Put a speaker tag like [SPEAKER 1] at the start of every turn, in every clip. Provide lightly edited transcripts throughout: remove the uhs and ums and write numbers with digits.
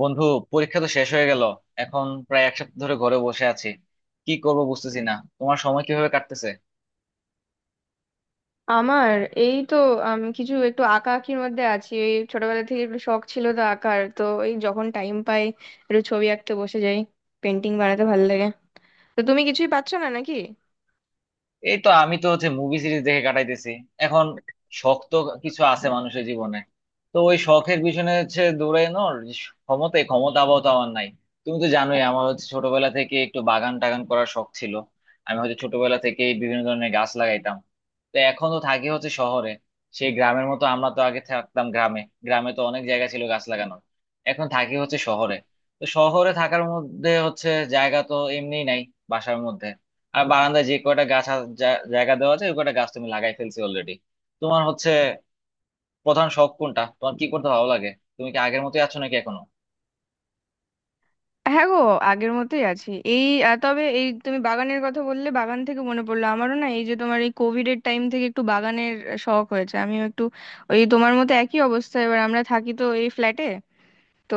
[SPEAKER 1] বন্ধু, পরীক্ষা তো শেষ হয়ে গেল। এখন প্রায় এক সপ্তাহ ধরে ঘরে বসে আছি, কি করব বুঝতেছি না। তোমার সময় কিভাবে কাটতেছে?
[SPEAKER 2] আমার এই তো কিছু একটু আঁকা আঁকির মধ্যে আছি। এই ছোটবেলা থেকে একটু শখ ছিল তো আঁকার, তো এই যখন টাইম পাই একটু ছবি আঁকতে বসে যাই। পেন্টিং বানাতে ভালো লাগে। তো তুমি কিছুই পাচ্ছ না নাকি?
[SPEAKER 1] এই তো, আমি তো হচ্ছে মুভি সিরিজ দেখে কাটাইতেছি এখন। শখ তো কিছু আছে মানুষের জীবনে, তো ওই শখের পিছনে হচ্ছে দৌড়ানোর যে ক্ষমতা, এই ক্ষমতা আপাতত আমার নাই। তুমি তো জানোই আমার হচ্ছে ছোটবেলা থেকে একটু বাগান টাগান করার শখ ছিল। আমি হচ্ছে ছোটবেলা থেকে বিভিন্ন ধরনের গাছ লাগাইতাম। তো এখন তো থাকি হচ্ছে শহরে, সেই গ্রামের মতো আমরা তো আগে থাকতাম গ্রামে, গ্রামে তো অনেক জায়গা ছিল গাছ লাগানোর। এখন থাকি হচ্ছে শহরে, তো শহরে থাকার মধ্যে হচ্ছে জায়গা তো এমনি নাই বাসার মধ্যে। আর বারান্দায় যে কয়টা গাছ জায়গা দেওয়া আছে, ওই কয়টা গাছ তুমি লাগাই ফেলছি অলরেডি। তোমার হচ্ছে প্রধান শখ কোনটা, তোমার কি করতে ভালো লাগে? তুমি কি আগের মতোই আছো নাকি এখনো?
[SPEAKER 2] হ্যাঁ গো, আগের মতোই আছি। এই তবে এই তুমি বাগানের কথা বললে, বাগান থেকে মনে পড়লো আমারও। না এই যে তোমার এই কোভিড এর টাইম থেকে একটু বাগানের শখ হয়েছে আমিও একটু ওই তোমার মতো একই অবস্থা। এবার আমরা থাকি তো এই ফ্ল্যাটে, তো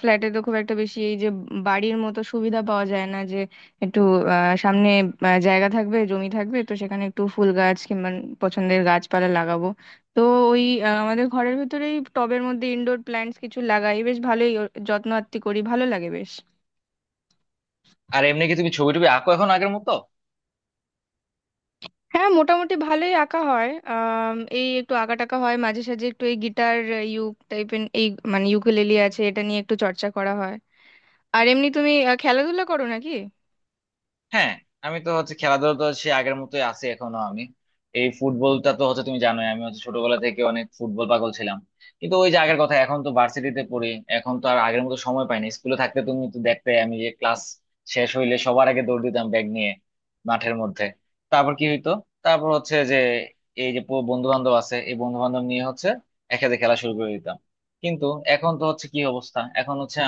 [SPEAKER 2] ফ্ল্যাটে তো খুব একটা বেশি এই যে বাড়ির মতো সুবিধা পাওয়া যায় না, যে একটু সামনে জায়গা থাকবে, জমি থাকবে, তো সেখানে একটু ফুল গাছ কিংবা পছন্দের গাছপালা লাগাবো। তো ওই আমাদের ঘরের ভিতরেই টবের মধ্যে ইনডোর প্ল্যান্টস কিছু লাগাই, বেশ ভালোই ওর যত্ন আত্তি করি, ভালো লাগে বেশ।
[SPEAKER 1] আর এমনি কি তুমি ছবি টবি আঁকো এখন আগের মতো?
[SPEAKER 2] হ্যাঁ, মোটামুটি ভালোই আঁকা হয়। এই একটু আঁকা টাকা হয় মাঝে সাঝে। একটু এই গিটার, ইউক টাইপের এই মানে ইউকেলেলি আছে, এটা নিয়ে একটু চর্চা করা হয়। আর এমনি তুমি খেলাধুলা করো নাকি?
[SPEAKER 1] হ্যাঁ, আমি তো হচ্ছে খেলাধুলা তো সে আগের মতোই আছি এখনো আমি। এই ফুটবলটা তো হচ্ছে তুমি জানোই, আমি হচ্ছে ছোটবেলা থেকে অনেক ফুটবল পাগল ছিলাম। কিন্তু ওই যে আগের কথা, এখন তো ভার্সিটিতে পড়ি। এখন তো আর আগের মতো সময় পাই না। স্কুলে থাকতে তুমি তো দেখতে, আমি যে ক্লাস শেষ হইলে সবার আগে দৌড় দিতাম ব্যাগ নিয়ে মাঠের মধ্যে। তারপর কি হইতো, তারপর হচ্ছে যে এই যে বন্ধু বান্ধব আছে, এই বন্ধু বান্ধব নিয়ে হচ্ছে একসাথে খেলা শুরু করে দিতাম। কিন্তু এখন তো হচ্ছে কি অবস্থা, এখন হচ্ছে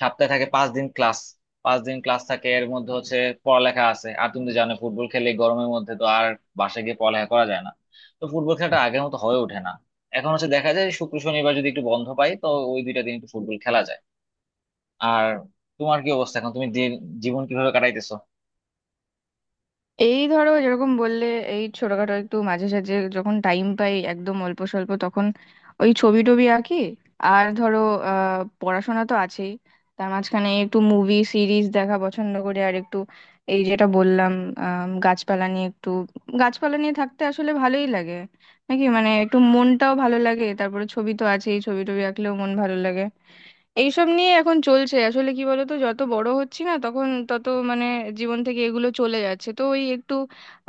[SPEAKER 1] সপ্তাহে থাকে পাঁচ দিন ক্লাস থাকে, এর মধ্যে হচ্ছে পড়ালেখা আছে। আর তুমি তো জানো, ফুটবল খেলে এই গরমের মধ্যে তো আর বাসায় গিয়ে পড়ালেখা করা যায় না। তো ফুটবল খেলাটা আগের মতো হয়ে ওঠে না। এখন হচ্ছে দেখা যায় শুক্র শনিবার যদি একটু বন্ধ পাই, তো ওই 2 দিন একটু ফুটবল খেলা যায়। আর তোমার কি অবস্থা এখন, তুমি জীবন কিভাবে কাটাইতেছো?
[SPEAKER 2] এই ধরো, যেরকম বললে এই ছোটখাটো একটু মাঝে সাঝে যখন টাইম পাই একদম অল্প স্বল্প, তখন ওই ছবি টবি আঁকি। আর ধরো পড়াশোনা তো আছেই, তার মাঝখানে একটু মুভি সিরিজ দেখা পছন্দ করি। আর একটু এই যেটা বললাম, গাছপালা নিয়ে একটু, গাছপালা নিয়ে থাকতে আসলে ভালোই লাগে। নাকি মানে একটু মনটাও ভালো লাগে। তারপরে ছবি তো আছেই, ছবি টবি আঁকলেও মন ভালো লাগে। এইসব নিয়ে এখন চলছে। আসলে কি বলতো, যত বড় হচ্ছি না তখন তত মানে জীবন থেকে এগুলো চলে যাচ্ছে, তো ওই একটু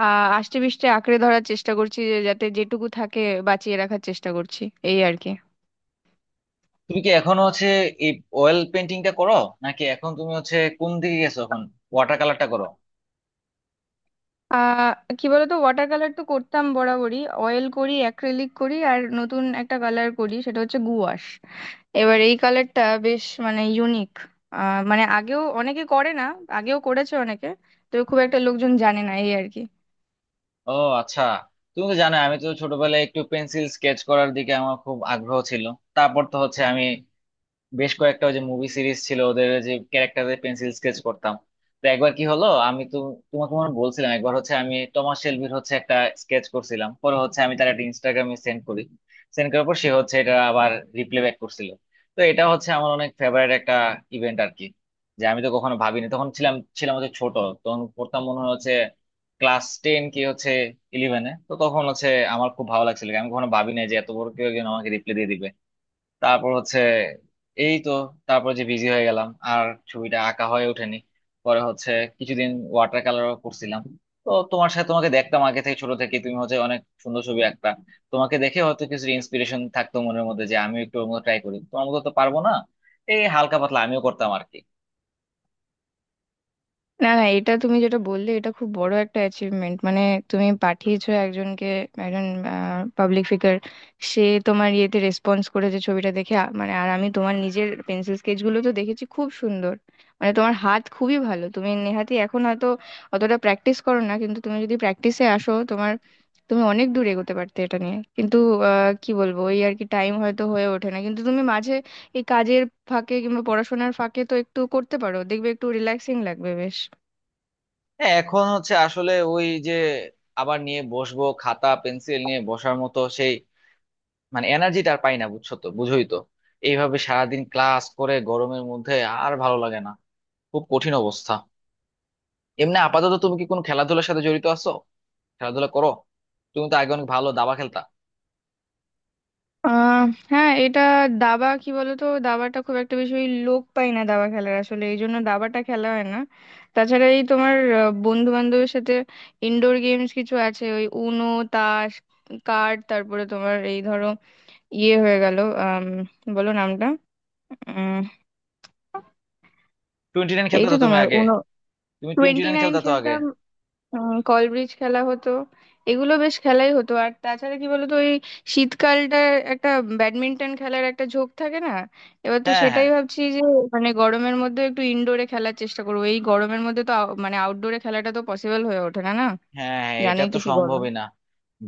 [SPEAKER 2] আষ্টে পিষ্টে আঁকড়ে ধরার চেষ্টা করছি, যে যাতে যেটুকু থাকে বাঁচিয়ে রাখার চেষ্টা করছি, এই আর কি।
[SPEAKER 1] তুমি কি এখনো হচ্ছে এই অয়েল পেন্টিংটা করো, নাকি এখন তুমি হচ্ছে কোন দিকে গেছো এখন? ওয়াটার কালারটা করো?
[SPEAKER 2] আহ কি বলতো, ওয়াটার কালার তো করতাম বরাবরই, অয়েল করি, অ্যাক্রিলিক করি, আর নতুন একটা কালার করি, সেটা হচ্ছে গুয়াশ। এবার এই কালারটা বেশ মানে ইউনিক। মানে আগেও অনেকে করে না, আগেও করেছে অনেকে, তো খুব একটা লোকজন জানে না, এই আর কি।
[SPEAKER 1] ও, আচ্ছা। তুমি তো জানো আমি তো ছোটবেলায় একটু পেন্সিল স্কেচ করার দিকে আমার খুব আগ্রহ ছিল। তারপর তো হচ্ছে আমি বেশ কয়েকটা ওই যে মুভি সিরিজ ছিল, ওদের যে ক্যারেক্টারের পেন্সিল স্কেচ করতাম। তো একবার কি হলো, আমি তো তোমাকে মনে হয় বলছিলাম, একবার হচ্ছে আমি টমাস শেলবির হচ্ছে একটা স্কেচ করছিলাম। পরে হচ্ছে আমি তার একটা ইনস্টাগ্রামে সেন্ড করি। সেন্ড করার পর সে হচ্ছে এটা আবার রিপ্লে ব্যাক করছিল। তো এটা হচ্ছে আমার অনেক ফেভারিট একটা ইভেন্ট আর কি। যে আমি তো কখনো ভাবিনি, তখন ছিলাম ছিলাম হচ্ছে ছোট। তখন পড়তাম মনে হয় হচ্ছে ক্লাস 10 কি হচ্ছে ইলেভেনে। তো তখন হচ্ছে আমার খুব ভালো লাগছিল, আমি কখনো ভাবিনি যে এত বড় কেউ একজন আমাকে রিপ্লে দিয়ে দিবে। তারপর হচ্ছে এই তো, তারপর যে বিজি হয়ে গেলাম আর ছবিটা আঁকা হয়ে ওঠেনি। পরে হচ্ছে কিছুদিন ওয়াটার কালারও করছিলাম। তো তোমার সাথে তোমাকে দেখতাম আগে থেকে, ছোট থেকে তুমি হচ্ছে অনেক সুন্দর ছবি আঁকতা। তোমাকে দেখে হয়তো কিছু ইন্সপিরেশন থাকতো মনের মধ্যে, যে আমি একটু ওর মতো ট্রাই করি। তোমার মতো তো পারবো না, এই হালকা পাতলা আমিও করতাম আর কি।
[SPEAKER 2] না না, এটা তুমি যেটা বললে, এটা খুব বড় একটা অ্যাচিভমেন্ট মানে। তুমি পাঠিয়েছো একজনকে, একজন পাবলিক ফিগার, সে তোমার ইয়েতে রেসপন্স করেছে ছবিটা দেখে। মানে আর আমি তোমার নিজের পেন্সিল স্কেচগুলো তো দেখেছি, খুব সুন্দর। মানে তোমার হাত খুবই ভালো। তুমি নেহাতি এখন হয়তো অতটা প্র্যাকটিস করো না, কিন্তু তুমি যদি প্র্যাকটিসে আসো, তোমার তুমি অনেক দূর এগোতে পারতে এটা নিয়ে। কিন্তু কি বলবো, এই আর কি টাইম হয়তো হয়ে ওঠে না। কিন্তু তুমি মাঝে এই কাজের ফাঁকে কিংবা পড়াশোনার ফাঁকে তো একটু করতে পারো, দেখবে একটু রিল্যাক্সিং লাগবে বেশ।
[SPEAKER 1] হ্যাঁ, এখন হচ্ছে আসলে ওই যে আবার নিয়ে বসবো খাতা পেন্সিল নিয়ে, বসার মতো মানে এনার্জিটা আর পাই না। বুঝছো তো, বুঝোই তো। এইভাবে সারাদিন ক্লাস করে গরমের মধ্যে আর ভালো লাগে না, খুব কঠিন অবস্থা। এমনি আপাতত তুমি কি কোনো খেলাধুলার সাথে জড়িত আছো? খেলাধুলা করো? তুমি তো আগে অনেক ভালো দাবা খেলতা।
[SPEAKER 2] আহ হ্যাঁ, এটা দাবা, কি বলতো, দাবাটা খুব একটা বেশি ওই লোক পাই না দাবা খেলার, আসলে এই জন্য দাবাটা খেলা হয় না। তাছাড়া এই তোমার বন্ধু বান্ধবের সাথে ইনডোর গেমস কিছু আছে, ওই উনো, তাস, কার্ড, তারপরে তোমার এই ধরো ইয়ে হয়ে গেল, আহ বলো নামটা, উম
[SPEAKER 1] টোয়েন্টি নাইন
[SPEAKER 2] এই
[SPEAKER 1] খেলতা
[SPEAKER 2] তো
[SPEAKER 1] তো তুমি
[SPEAKER 2] তোমার
[SPEAKER 1] আগে।
[SPEAKER 2] উনো,
[SPEAKER 1] তুমি টোয়েন্টি
[SPEAKER 2] টোয়েন্টি
[SPEAKER 1] নাইন
[SPEAKER 2] নাইন
[SPEAKER 1] খেলতা তো আগে।
[SPEAKER 2] খেলতাম, কল ব্রিজ খেলা হতো। এগুলো বেশ খেলাই হতো। আর তাছাড়া কি বলতো, ওই শীতকালটা একটা ব্যাডমিন্টন খেলার একটা ঝোঁক থাকে না? এবার তো
[SPEAKER 1] হ্যাঁ, হ্যাঁ।
[SPEAKER 2] সেটাই ভাবছি যে মানে গরমের মধ্যে একটু ইনডোরে খেলার চেষ্টা করবো। এই গরমের মধ্যে তো মানে আউটডোরে খেলাটা তো পসিবল হয়ে ওঠে না না।
[SPEAKER 1] হ্যাঁ হ্যাঁ, এটা
[SPEAKER 2] জানোই
[SPEAKER 1] তো
[SPEAKER 2] তো কি গরম।
[SPEAKER 1] সম্ভবই না।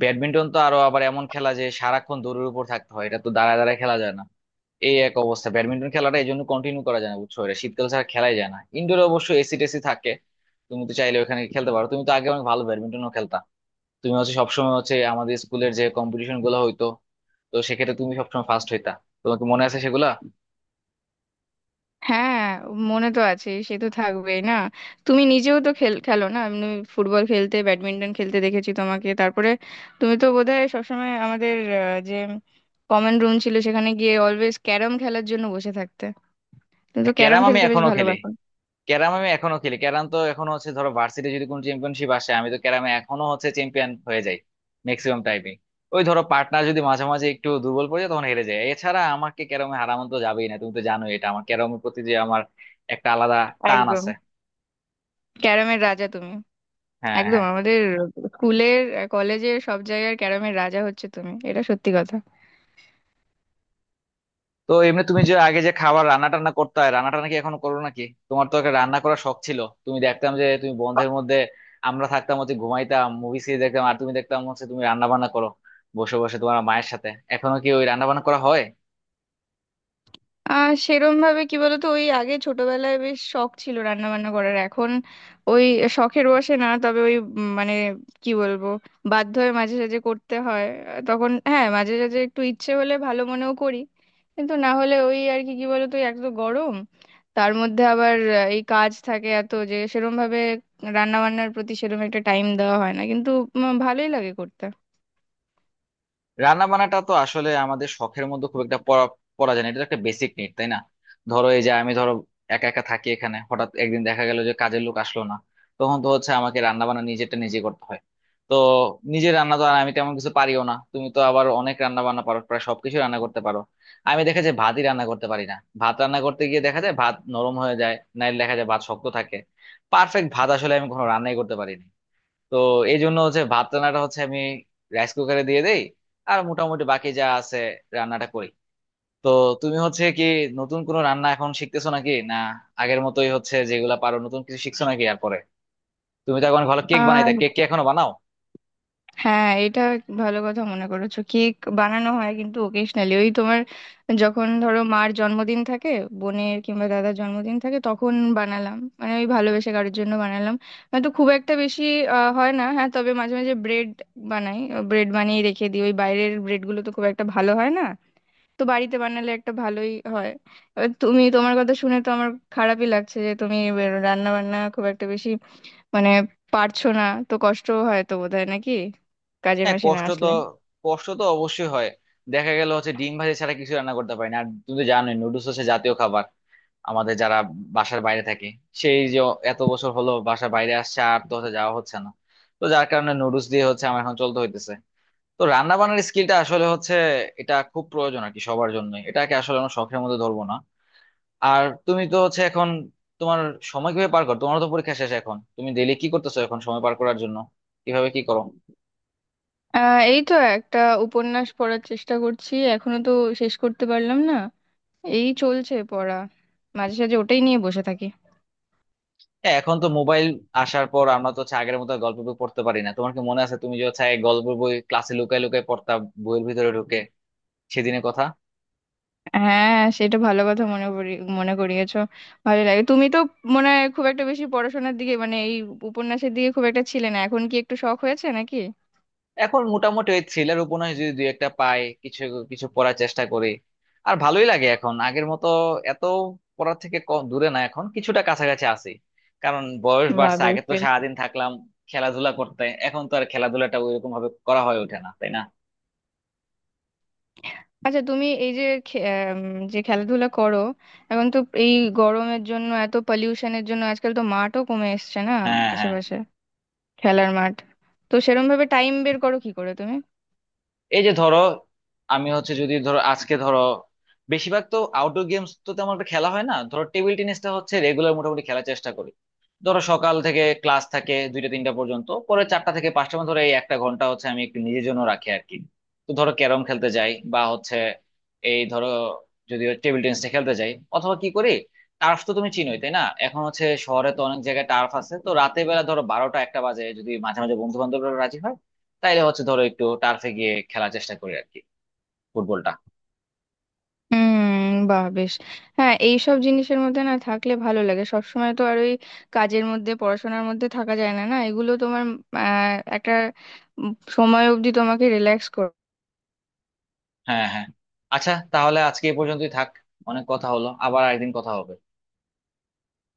[SPEAKER 1] ব্যাডমিন্টন তো আরো আবার এমন খেলা যে সারাক্ষণ দড়ির উপর থাকতে হয়, এটা তো দাঁড়ায় দাঁড়ায় খেলা যায় না। এই এক অবস্থা ব্যাডমিন্টন খেলাটা, এই জন্য কন্টিনিউ করা যায় না, বুঝছো? এটা শীতকাল ছাড়া খেলাই যায় না। ইনডোরে অবশ্য এসি টেসি থাকে, তুমি তো চাইলে ওখানে খেলতে পারো। তুমি তো আগে অনেক ভালো ব্যাডমিন্টনও খেলতা। তুমি হচ্ছে সবসময় হচ্ছে আমাদের স্কুলের যে কম্পিটিশন গুলো হইতো, তো সেক্ষেত্রে তুমি সবসময় ফার্স্ট হইতা। তোমাকে মনে আছে সেগুলা?
[SPEAKER 2] হ্যাঁ, মনে তো আছে, সে তো থাকবেই না। তুমি নিজেও তো খেল খেলো না, আমি ফুটবল খেলতে ব্যাডমিন্টন খেলতে দেখেছি তোমাকে। তারপরে তুমি তো বোধহয় সবসময় আমাদের যে কমন রুম ছিল সেখানে গিয়ে অলওয়েজ ক্যারম খেলার জন্য বসে থাকতে, তুমি তো ক্যারম
[SPEAKER 1] ক্যারাম আমি
[SPEAKER 2] খেলতে বেশ
[SPEAKER 1] এখনো খেলি।
[SPEAKER 2] ভালোবাসো।
[SPEAKER 1] ক্যারাম তো এখনো হচ্ছে, ধরো ভার্সিটি যদি কোনো চ্যাম্পিয়নশিপ আসে, আমি তো ক্যারামে এখনো হচ্ছে চ্যাম্পিয়ন হয়ে যাই ম্যাক্সিমাম টাইমে। ওই ধরো পার্টনার যদি মাঝে মাঝে একটু দুর্বল পড়ে যায় তখন হেরে যায়, এছাড়া আমাকে ক্যারামে হারানো তো যাবেই না। তুমি তো জানোই এটা, আমার ক্যারামের প্রতি যে আমার একটা আলাদা টান
[SPEAKER 2] একদম
[SPEAKER 1] আছে।
[SPEAKER 2] ক্যারমের রাজা তুমি,
[SPEAKER 1] হ্যাঁ,
[SPEAKER 2] একদম
[SPEAKER 1] হ্যাঁ।
[SPEAKER 2] আমাদের স্কুলের, কলেজের সব জায়গার ক্যারমের রাজা হচ্ছে তুমি, এটা সত্যি কথা।
[SPEAKER 1] তো এমনি তুমি যে আগে যে খাবার রান্না টান্না করতে হয়, রান্না টান্না কি এখন করো নাকি? তোমার তো একটা রান্না করার শখ ছিল, তুমি দেখতাম যে তুমি বন্ধের মধ্যে, আমরা থাকতাম হচ্ছে ঘুমাইতাম মুভি সিরিজ দেখতাম, আর তুমি দেখতাম হচ্ছে তুমি রান্না বান্না করো বসে বসে তোমার মায়ের সাথে। এখনো কি ওই রান্না বান্না করা হয়?
[SPEAKER 2] সেরম ভাবে কি বলতো, ওই আগে ছোটবেলায় বেশ শখ ছিল রান্না বান্না করার, এখন ওই শখের বসে না। তবে ওই মানে কি বলবো, বাধ্য হয়ে মাঝে সাঝে করতে হয়। তখন হ্যাঁ মাঝে সাঝে একটু ইচ্ছে হলে ভালো মনেও করি, কিন্তু না হলে ওই আর কি। কি বলতো, ওই এক তো গরম, তার মধ্যে আবার এই কাজ থাকে এত, যে সেরম ভাবে রান্না বান্নার প্রতি সেরম একটা টাইম দেওয়া হয় না। কিন্তু ভালোই লাগে করতে।
[SPEAKER 1] রান্না বান্নাটা তো আসলে আমাদের শখের মধ্যে খুব একটা পড়া পড়া যায় না, এটা তো একটা বেসিক নিড, তাই না? ধরো এই যে আমি ধরো একা একা থাকি এখানে, হঠাৎ একদিন দেখা গেল যে কাজের লোক আসলো না। তখন তো হচ্ছে আমাকে রান্না বান্না নিজেরটা নিজে করতে হয়। তো নিজে রান্না তো আর আমি তেমন কিছু পারিও না, তুমি তো আবার অনেক রান্না বান্না পারো, প্রায় সবকিছু রান্না করতে পারো। আমি দেখা যায় ভাতই রান্না করতে পারি না। ভাত রান্না করতে গিয়ে দেখা যায় ভাত নরম হয়ে যায়, নাইলে দেখা যায় ভাত শক্ত থাকে। পারফেক্ট ভাত আসলে আমি কখনো রান্নাই করতে পারিনি। তো এই জন্য হচ্ছে ভাত রান্নাটা হচ্ছে আমি রাইস কুকারে দিয়ে দেই, আর মোটামুটি বাকি যা আছে রান্নাটা করি। তো তুমি হচ্ছে কি নতুন কোনো রান্না এখন শিখতেছো নাকি না, আগের মতোই হচ্ছে যেগুলা পারো? নতুন কিছু শিখছো নাকি আর পরে? তুমি তো এখন ভালো কেক বানাইতে,
[SPEAKER 2] আর
[SPEAKER 1] কেক কি এখনো বানাও?
[SPEAKER 2] হ্যাঁ, এটা ভালো কথা মনে করেছো, কেক বানানো হয় কিন্তু ওকেশনালি। ওই তোমার যখন ধরো মার জন্মদিন থাকে, বোনের কিংবা দাদার জন্মদিন থাকে, তখন বানালাম মানে ওই ভালোবেসে কারোর জন্য বানালাম। হয়তো খুব একটা বেশি হয় না। হ্যাঁ, তবে মাঝে মাঝে ব্রেড বানাই, ব্রেড বানিয়ে রেখে দিই, ওই বাইরের ব্রেডগুলো তো খুব একটা ভালো হয় না, তো বাড়িতে বানালে একটা ভালোই হয়। এবার তুমি তোমার কথা শুনে তো আমার খারাপই লাগছে, যে তুমি রান্না বান্না খুব একটা বেশি মানে পারছো না, তো কষ্ট হয় তো বোধহয় নাকি, কাজের
[SPEAKER 1] হ্যাঁ,
[SPEAKER 2] মাসে না
[SPEAKER 1] কষ্ট তো
[SPEAKER 2] আসলে।
[SPEAKER 1] কষ্ট তো অবশ্যই হয়। দেখা গেল হচ্ছে ডিম ভাজি ছাড়া কিছু রান্না করতে পারি না। আর তুমি তো জানোই নুডলস হচ্ছে জাতীয় খাবার আমাদের, যারা বাসার বাইরে থাকে সেই যে এত বছর হলো বাসার বাইরে আসছে, আর তো হচ্ছে যাওয়া হচ্ছে না। তো যার কারণে নুডলস দিয়ে হচ্ছে আমার এখন চলতে হইতেছে। তো রান্না বান্নার স্কিলটা আসলে হচ্ছে এটা খুব প্রয়োজন আর কি সবার জন্য, এটাকে আসলে আমরা শখের মধ্যে ধরবো না। আর তুমি তো হচ্ছে এখন তোমার সময় কিভাবে পার করো? তোমার তো পরীক্ষা শেষ, এখন তুমি ডেইলি কি করতেছো এখন সময় পার করার জন্য? কিভাবে কি করো?
[SPEAKER 2] এই তো একটা উপন্যাস পড়ার চেষ্টা করছি, এখনো তো শেষ করতে পারলাম না। এই চলছে পড়া, মাঝে সাঝে ওটাই নিয়ে বসে থাকি।
[SPEAKER 1] এখন তো মোবাইল আসার পর আমরা তো হচ্ছে আগের মতো আর গল্প বই পড়তে পারি না। তোমার কি মনে আছে, তুমি যে হচ্ছে আগে গল্প বই ক্লাসে লুকায় লুকায় পড়তা বইয়ের ভিতরে ঢুকে সেদিনের কথা?
[SPEAKER 2] হ্যাঁ, সেটা ভালো কথা মনে করি, মনে করিয়েছো, ভালো লাগে। তুমি তো মনে হয় খুব একটা বেশি পড়াশোনার দিকে মানে এই উপন্যাসের দিকে খুব একটা ছিলে না, এখন কি একটু শখ হয়েছে নাকি?
[SPEAKER 1] এখন মোটামুটি ওই থ্রিলার উপন্যাস যদি দুই একটা পাই, কিছু কিছু পড়ার চেষ্টা করি। আর ভালোই লাগে এখন, আগের মতো এত দূরে না, এখন কিছুটা কাছাকাছি আছি। কারণ বয়স
[SPEAKER 2] বা
[SPEAKER 1] বাড়ছে, আগে তো সারাদিন থাকলাম খেলাধুলা করতে, এখন তো আর খেলাধুলাটা ওইরকম ভাবে করা হয়ে ওঠে না, তাই না?
[SPEAKER 2] আচ্ছা, তুমি এই যে যে খেলাধুলা করো, এখন তো এই গরমের জন্য এত পলিউশনের জন্য আজকাল তো মাঠও কমে এসছে না
[SPEAKER 1] হ্যাঁ, হ্যাঁ।
[SPEAKER 2] আশেপাশে খেলার মাঠ, তো সেরম ভাবে টাইম বের করো কি করে তুমি?
[SPEAKER 1] এই যে ধরো আমি হচ্ছে যদি ধরো আজকে ধরো, বেশিরভাগ তো আউটডোর গেমস তো তেমন একটা খেলা হয় না। ধরো টেবিল টেনিসটা হচ্ছে রেগুলার মোটামুটি খেলার চেষ্টা করি। ধরো সকাল থেকে ক্লাস থাকে 2টা 3টা পর্যন্ত, পরে 4টা থেকে 5টা পর্যন্ত ধরো এই একটা ঘন্টা হচ্ছে আমি একটু নিজের জন্য রাখি আর কি। তো ধরো ক্যারম খেলতে যাই, বা হচ্ছে এই ধরো যদি টেবিল টেনিসটা খেলতে যাই, অথবা কি করি, টার্ফ তো তুমি চিনোই তাই না? এখন হচ্ছে শহরে তো অনেক জায়গায় টার্ফ আছে, তো রাতের বেলা ধরো 12টা 1টা বাজে যদি মাঝে মাঝে বন্ধু বান্ধবরা রাজি হয়, তাইলে হচ্ছে ধরো একটু টার্ফে গিয়ে খেলার চেষ্টা করি আর কি ফুটবলটা।
[SPEAKER 2] হুম, বাহ বেশ। হ্যাঁ, এইসব জিনিসের মধ্যে না থাকলে ভালো লাগে, সব সময় তো আর ওই কাজের মধ্যে পড়াশোনার মধ্যে থাকা যায় না না, এগুলো তোমার আহ, একটা উম, সময় অবধি তোমাকে রিল্যাক্স
[SPEAKER 1] হ্যাঁ, হ্যাঁ। আচ্ছা, তাহলে আজকে এই পর্যন্তই থাক, অনেক কথা হলো, আবার একদিন কথা হবে।